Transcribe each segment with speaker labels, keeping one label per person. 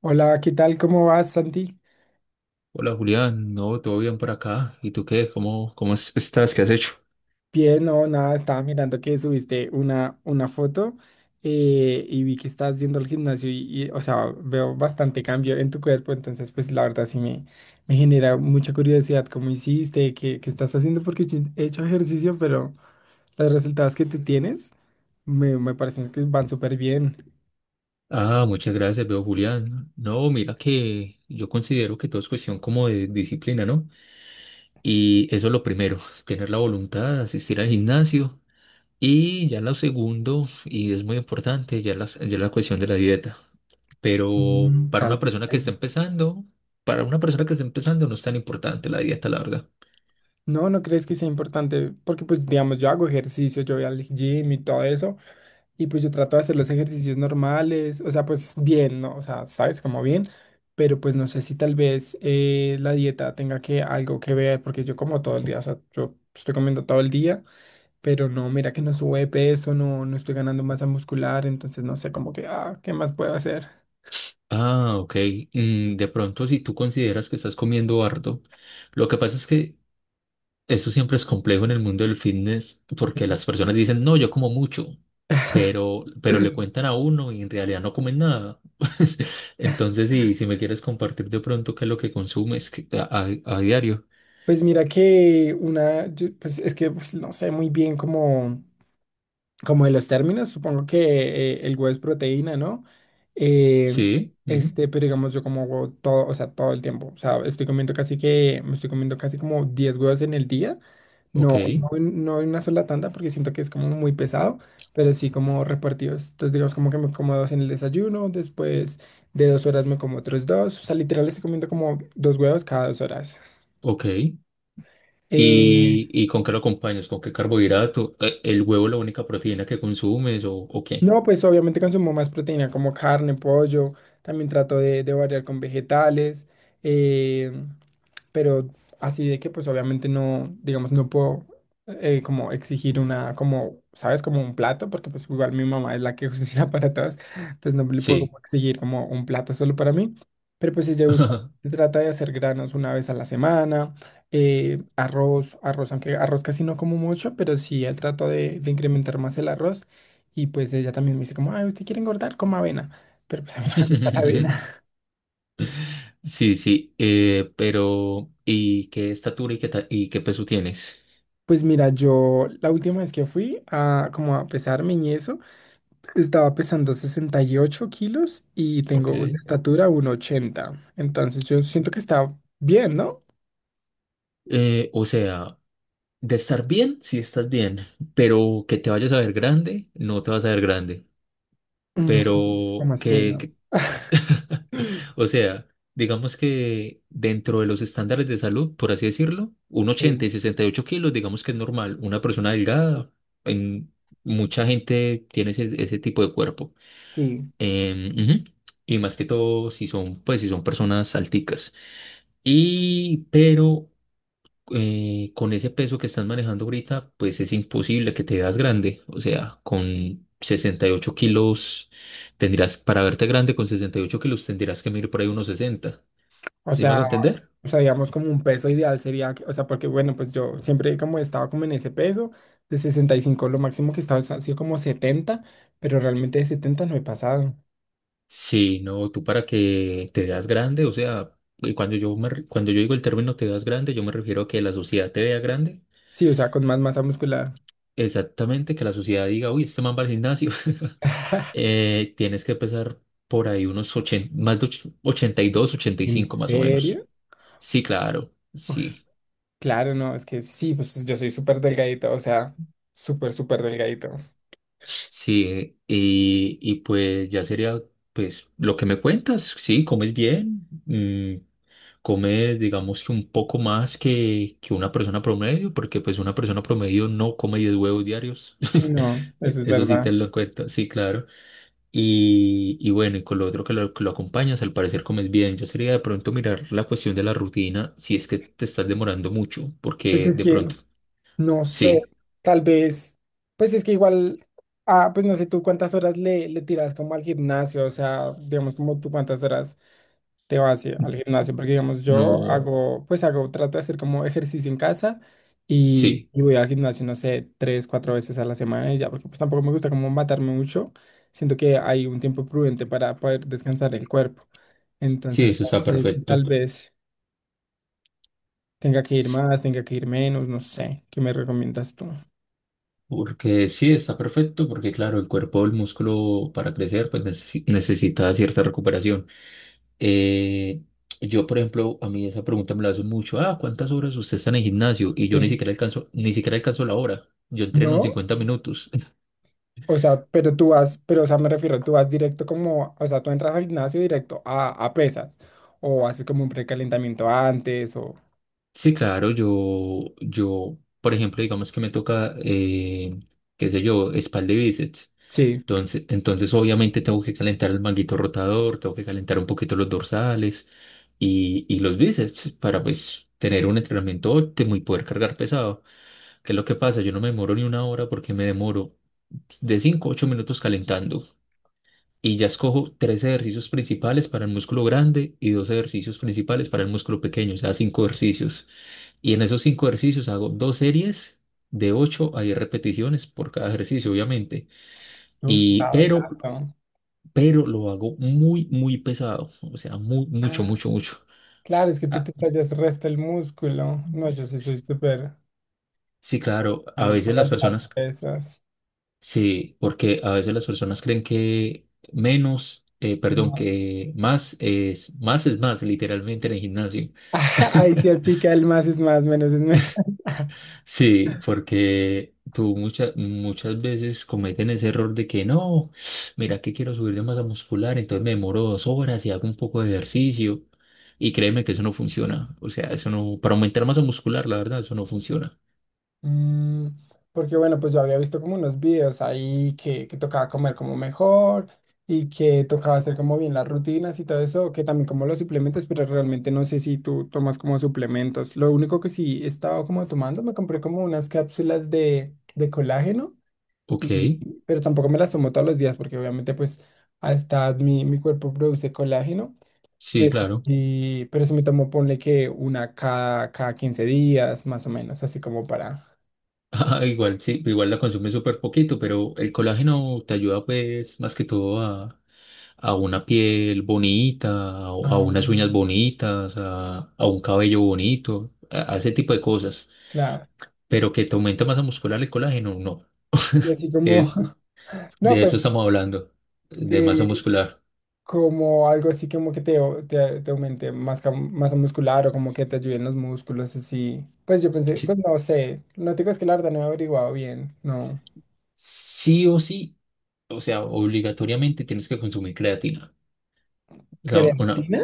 Speaker 1: Hola, ¿qué tal? ¿Cómo vas, Santi?
Speaker 2: Hola Julián, no, todo bien por acá. ¿Y tú qué? Estás, ¿qué has hecho?
Speaker 1: Bien, no, nada, estaba mirando que subiste una foto. Y vi que estás yendo al gimnasio y, o sea, veo bastante cambio en tu cuerpo. Entonces, pues la verdad sí me genera mucha curiosidad cómo hiciste, qué estás haciendo, porque yo he hecho ejercicio, pero los resultados que tú tienes me parecen que van súper bien.
Speaker 2: Ah, muchas gracias, veo Julián. No, mira que yo considero que todo es cuestión como de disciplina, ¿no? Y eso es lo primero, tener la voluntad, asistir al gimnasio. Y ya lo segundo, y es muy importante, ya la cuestión de la dieta. Pero
Speaker 1: Mm,
Speaker 2: para
Speaker 1: tal
Speaker 2: una
Speaker 1: vez
Speaker 2: persona que está
Speaker 1: ahí.
Speaker 2: empezando, para una persona que está empezando no es tan importante la dieta, larga.
Speaker 1: No, ¿no crees que sea importante? Porque pues digamos, yo hago ejercicio, yo voy al gym y todo eso. Y pues yo trato de hacer los ejercicios normales, o sea, pues bien, ¿no? O sea, sabes, como bien, pero pues no sé si tal vez la dieta tenga que algo que ver, porque yo como todo el día, o sea, yo estoy comiendo todo el día, pero no, mira que no sube de peso, no, no estoy ganando masa muscular, entonces no sé, como que, ah, ¿qué más puedo hacer?
Speaker 2: Ah, ok. Mm, de pronto, si tú consideras que estás comiendo harto, lo que pasa es que eso siempre es complejo en el mundo del fitness
Speaker 1: Sí.
Speaker 2: porque las personas dicen, no, yo como mucho, pero le cuentan a uno y en realidad no comen nada. Entonces, si me quieres compartir de pronto qué es lo que consumes a diario.
Speaker 1: Pues mira que pues es que pues, no sé muy bien cómo, como de los términos. Supongo que el huevo es proteína, ¿no? Eh,
Speaker 2: Sí, ujú.
Speaker 1: este, pero digamos, yo como huevo todo, o sea, todo el tiempo. O sea, estoy comiendo me estoy comiendo casi como 10 huevos en el día.
Speaker 2: Ok,
Speaker 1: No, no, no en una sola tanda porque siento que es como muy pesado, pero sí como repartidos. Entonces, digamos, como que me como dos en el desayuno, después de 2 horas me como otros dos. O sea, literal estoy comiendo como dos huevos cada 2 horas.
Speaker 2: ok.
Speaker 1: Eh,
Speaker 2: Y con qué lo acompañas? ¿Con qué carbohidrato? ¿El huevo es la única proteína que consumes o qué?
Speaker 1: No, pues obviamente consumo más proteína como carne, pollo, también trato de variar con vegetales, eh, pero así de que pues obviamente no, digamos, no puedo como exigir una, como, ¿sabes? Como un plato, porque pues igual mi mamá es la que cocina para todos, entonces no le puedo
Speaker 2: Sí.
Speaker 1: como exigir como un plato solo para mí, pero pues ella usualmente trata de hacer granos una vez a la semana, arroz, arroz, aunque arroz casi no como mucho, pero sí, él trato de incrementar más el arroz. Y pues ella también me dice como, ah, ¿usted quiere engordar? Coma avena. Pero pues a mí no me gusta la avena.
Speaker 2: Sí, sí, pero ¿y qué estatura y y qué peso tienes?
Speaker 1: Pues mira, yo la última vez que fui a como a pesarme y eso, estaba pesando 68 kilos y
Speaker 2: Ok.
Speaker 1: tengo de estatura 1,80. Entonces yo siento que está bien, ¿no?
Speaker 2: O sea, de estar bien, sí estás bien, pero que te vayas a ver grande, no te vas a ver grande.
Speaker 1: Como
Speaker 2: Pero
Speaker 1: así,
Speaker 2: que,
Speaker 1: ¿no?
Speaker 2: que- o sea, digamos que dentro de los estándares de salud, por así decirlo, un ochenta
Speaker 1: Sí,
Speaker 2: y 68 kilos, digamos que es normal. Una persona delgada, en mucha gente tiene ese, ese tipo de cuerpo.
Speaker 1: sí.
Speaker 2: Em, ujú. Y más que todo, si son, pues, si son personas alticas. Y, pero con ese peso que estás manejando ahorita, pues es imposible que te veas grande. O sea, con 68 kilos tendrías, para verte grande con 68 kilos tendrías que medir por ahí unos 60.
Speaker 1: O
Speaker 2: ¿Sí me
Speaker 1: sea,
Speaker 2: hago entender?
Speaker 1: O sea, digamos como un peso ideal sería, o sea, porque bueno, pues yo siempre como estaba como en ese peso de 65, lo máximo que estaba ha sido como 70, pero realmente de 70 no he pasado.
Speaker 2: Sí, no, tú para que te veas grande, o sea, y cuando yo digo el término te veas grande, yo me refiero a que la sociedad te vea grande.
Speaker 1: Sí, o sea, con más masa muscular.
Speaker 2: Exactamente, que la sociedad diga, uy, este man va al gimnasio. Eh, tienes que pesar por ahí unos 80, 82, ochenta y
Speaker 1: ¿En
Speaker 2: cinco, más o menos.
Speaker 1: serio?
Speaker 2: Sí, claro,
Speaker 1: Uy,
Speaker 2: sí.
Speaker 1: claro, no, es que sí, pues yo soy súper delgadito, o sea, súper, súper delgadito.
Speaker 2: Sí, y pues ya sería, pues, lo que me cuentas, sí, comes bien, mm, comes, digamos que un poco más que una persona promedio, porque pues una persona promedio no come 10 huevos diarios,
Speaker 1: Sí, no, eso es
Speaker 2: eso sí te
Speaker 1: verdad.
Speaker 2: lo cuento, sí, claro. Y bueno, y con lo otro que lo acompañas, al parecer comes bien. Yo sería de pronto mirar la cuestión de la rutina si es que te estás demorando mucho,
Speaker 1: Pues
Speaker 2: porque
Speaker 1: es
Speaker 2: de
Speaker 1: que,
Speaker 2: pronto,
Speaker 1: no sé,
Speaker 2: sí,
Speaker 1: tal vez, pues es que igual, ah, pues no sé tú cuántas horas le tiras como al gimnasio, o sea, digamos como tú cuántas horas te vas al gimnasio, porque digamos yo
Speaker 2: no,
Speaker 1: hago, pues hago, trato de hacer como ejercicio en casa y,
Speaker 2: sí,
Speaker 1: y voy al gimnasio, no sé, tres, cuatro veces a la semana y ya, porque pues tampoco me gusta como matarme mucho, siento que hay un tiempo prudente para poder descansar el cuerpo,
Speaker 2: sí,
Speaker 1: entonces
Speaker 2: eso
Speaker 1: no
Speaker 2: está
Speaker 1: sé si
Speaker 2: perfecto.
Speaker 1: tal vez tenga que ir
Speaker 2: S-
Speaker 1: más, tenga que ir menos, no sé, ¿qué me recomiendas tú?
Speaker 2: Porque sí, está perfecto, porque claro, el cuerpo, el músculo para crecer, pues necesita cierta recuperación. Eh, yo, por ejemplo, a mí esa pregunta me la hacen mucho, ah, ¿cuántas horas usted está en el gimnasio? Y yo ni
Speaker 1: Sí.
Speaker 2: siquiera alcanzo, ni siquiera alcanzo la hora. Yo entreno en
Speaker 1: ¿No?
Speaker 2: 50 minutos.
Speaker 1: O sea, pero tú vas, pero o sea, me refiero, tú vas directo como, o sea, tú entras al gimnasio directo a pesas, o haces como un precalentamiento antes, o…
Speaker 2: Sí, claro, yo, por ejemplo, digamos que me toca, qué sé yo, espalda y bíceps.
Speaker 1: Sí,
Speaker 2: Entonces, obviamente tengo que calentar el manguito rotador, tengo que calentar un poquito los dorsales y los bíceps para pues tener un entrenamiento óptimo y poder cargar pesado. ¿Qué es lo que pasa? Yo no me demoro ni una hora porque me demoro de 5 a 8 minutos calentando y ya escojo tres ejercicios principales para el músculo grande y dos ejercicios principales para el músculo pequeño, o sea, cinco ejercicios. Y en esos cinco ejercicios hago dos series de 8 a 10 repeticiones por cada ejercicio, obviamente.
Speaker 1: ¿no?
Speaker 2: Y,
Speaker 1: Ah, rato.
Speaker 2: pero lo hago muy, muy pesado. O sea, muy, mucho,
Speaker 1: Ah,
Speaker 2: mucho, mucho.
Speaker 1: claro, es que tú
Speaker 2: Ah,
Speaker 1: te estallas resto el músculo. No, yo sí soy
Speaker 2: s-
Speaker 1: súper
Speaker 2: sí, claro, a
Speaker 1: malo
Speaker 2: veces
Speaker 1: para
Speaker 2: las
Speaker 1: alzar
Speaker 2: personas,
Speaker 1: pesas.
Speaker 2: sí, porque a veces las personas creen que menos, perdón,
Speaker 1: No.
Speaker 2: que más es, más es más, literalmente en el gimnasio.
Speaker 1: Ahí sí aplica el más es más, menos es menos.
Speaker 2: Sí, porque tú muchas muchas veces cometen ese error de que no, mira que quiero subir de masa muscular, entonces me demoro 2 horas y hago un poco de ejercicio. Y créeme que eso no funciona. O sea, eso no, para aumentar masa muscular, la verdad, eso no funciona.
Speaker 1: Mm, Porque bueno, pues yo había visto como unos videos ahí que tocaba comer como mejor y que tocaba hacer como bien las rutinas y todo eso, que también como los suplementos, pero realmente no sé si tú tomas como suplementos. Lo único que sí he estado como tomando, me compré como unas cápsulas de colágeno,
Speaker 2: Ok,
Speaker 1: y, pero tampoco me las tomo todos los días porque obviamente pues hasta mi cuerpo produce colágeno.
Speaker 2: sí, claro.
Speaker 1: Pero sí me tomo, ponle que una cada 15 días, más o menos, así como para…
Speaker 2: Ah, igual, sí, igual la consumes súper poquito, pero el colágeno te ayuda pues más que todo a una piel bonita, a
Speaker 1: Ah,
Speaker 2: unas uñas bonitas, a un cabello bonito, a ese tipo de cosas.
Speaker 1: claro.
Speaker 2: Pero que te aumenta masa muscular el colágeno, no.
Speaker 1: Y así como,
Speaker 2: Eh,
Speaker 1: no,
Speaker 2: de eso
Speaker 1: pues
Speaker 2: estamos hablando, de masa
Speaker 1: eh,
Speaker 2: muscular.
Speaker 1: como algo así como que te aumente masa muscular o como que te ayuden los músculos, así. Pues yo pensé, pues
Speaker 2: Sí,
Speaker 1: no sé, no te digo, es que la verdad no he averiguado bien, no.
Speaker 2: sí o sí, o sea, obligatoriamente tienes que consumir creatina. O sea, una,
Speaker 1: ¿Creatina?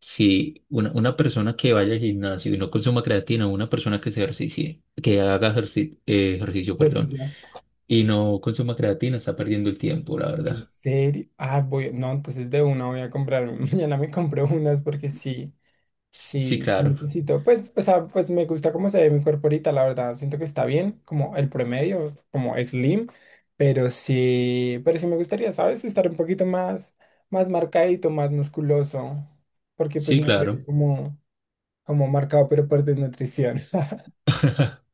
Speaker 2: si una, una persona que vaya al gimnasio y no consuma creatina, una persona que se ejercicie, que haga ejercicio, perdón,
Speaker 1: Ejercicio.
Speaker 2: y no consuma creatina, está perdiendo el tiempo, la
Speaker 1: ¿En
Speaker 2: verdad.
Speaker 1: serio? Ah, voy, no, entonces de una voy a comprar, mañana me compré unas porque sí.
Speaker 2: Sí,
Speaker 1: Sí, sí
Speaker 2: claro.
Speaker 1: necesito. Pues, o sea, pues me gusta cómo se ve mi cuerpo ahorita, la verdad. Siento que está bien, como el promedio, como slim, pero sí me gustaría, ¿sabes? Estar un poquito más, más marcadito, más musculoso, porque pues
Speaker 2: Sí,
Speaker 1: me veo
Speaker 2: claro.
Speaker 1: como, como marcado, pero por desnutrición.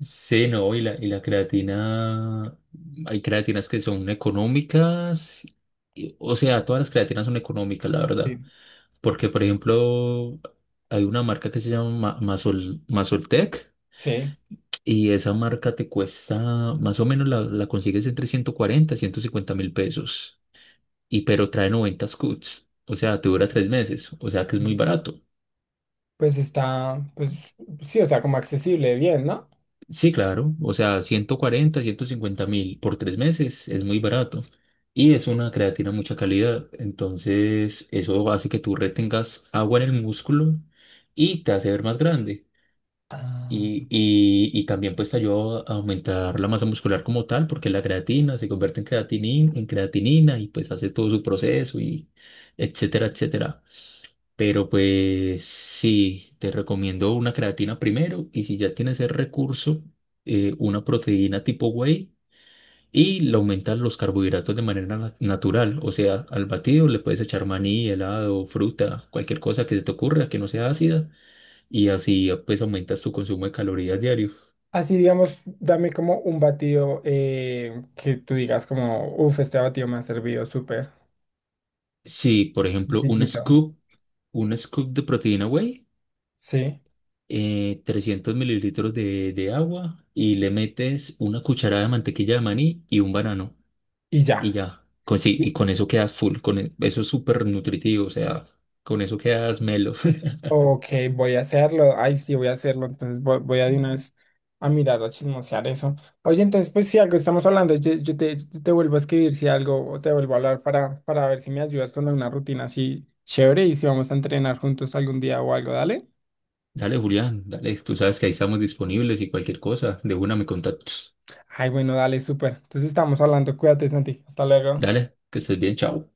Speaker 2: Sí, no, y la creatina, hay creatinas que son económicas, o sea, todas las creatinas son económicas, la verdad,
Speaker 1: Sí.
Speaker 2: porque por ejemplo, hay una marca que se llama Masol, Masoltec
Speaker 1: Sí.
Speaker 2: y esa marca te cuesta, más o menos la, la consigues entre $140.000 y $150.000, y pero trae 90 scoots, o sea, te dura 3 meses, o sea que es muy
Speaker 1: Sí.
Speaker 2: barato.
Speaker 1: Pues está, pues sí, o sea, como accesible, bien, ¿no?
Speaker 2: Sí, claro. O sea, 140.000, 150.000 por 3 meses es muy barato. Y es una creatina de mucha calidad. Entonces, eso hace que tú retengas agua en el músculo y te hace ver más grande.
Speaker 1: Ah.
Speaker 2: Y también pues te ayuda a aumentar la masa muscular como tal, porque la creatina se convierte en en creatinina y pues hace todo su proceso y etcétera, etcétera. Pero pues sí, te recomiendo una creatina primero y si ya tienes el recurso, una proteína tipo whey y le aumentas los carbohidratos de manera natural. O sea, al batido le puedes echar maní, helado, fruta, cualquier cosa que se te ocurra que no sea ácida y así ah, pues aumentas tu consumo de calorías diario.
Speaker 1: Así, digamos, dame como un batido que tú digas como, uff, este batido me ha servido súper.
Speaker 2: Sí, por ejemplo,
Speaker 1: Sencillito.
Speaker 2: un scoop de proteína whey,
Speaker 1: Sí,
Speaker 2: 300 mililitros de agua y le metes una cucharada de mantequilla de maní y un banano.
Speaker 1: y
Speaker 2: Y
Speaker 1: ya.
Speaker 2: ya. Con, sí, y
Speaker 1: Bien.
Speaker 2: con eso quedas full, con eso es súper nutritivo, o sea, con eso quedas melo.
Speaker 1: Ok, voy a hacerlo. Ay, sí, voy a hacerlo. Entonces voy a de una vez a mirar, a chismosear eso. Oye, entonces, pues si algo estamos hablando, yo te vuelvo a escribir si algo, o te vuelvo a hablar para ver si me ayudas con alguna rutina así chévere y si vamos a entrenar juntos algún día o algo, dale.
Speaker 2: Dale, Julián, dale, tú sabes que ahí estamos disponibles y cualquier cosa, de una me contactas.
Speaker 1: Ay, bueno, dale, súper. Entonces estamos hablando. Cuídate, Santi. Hasta luego.
Speaker 2: Dale, que estés bien, chao.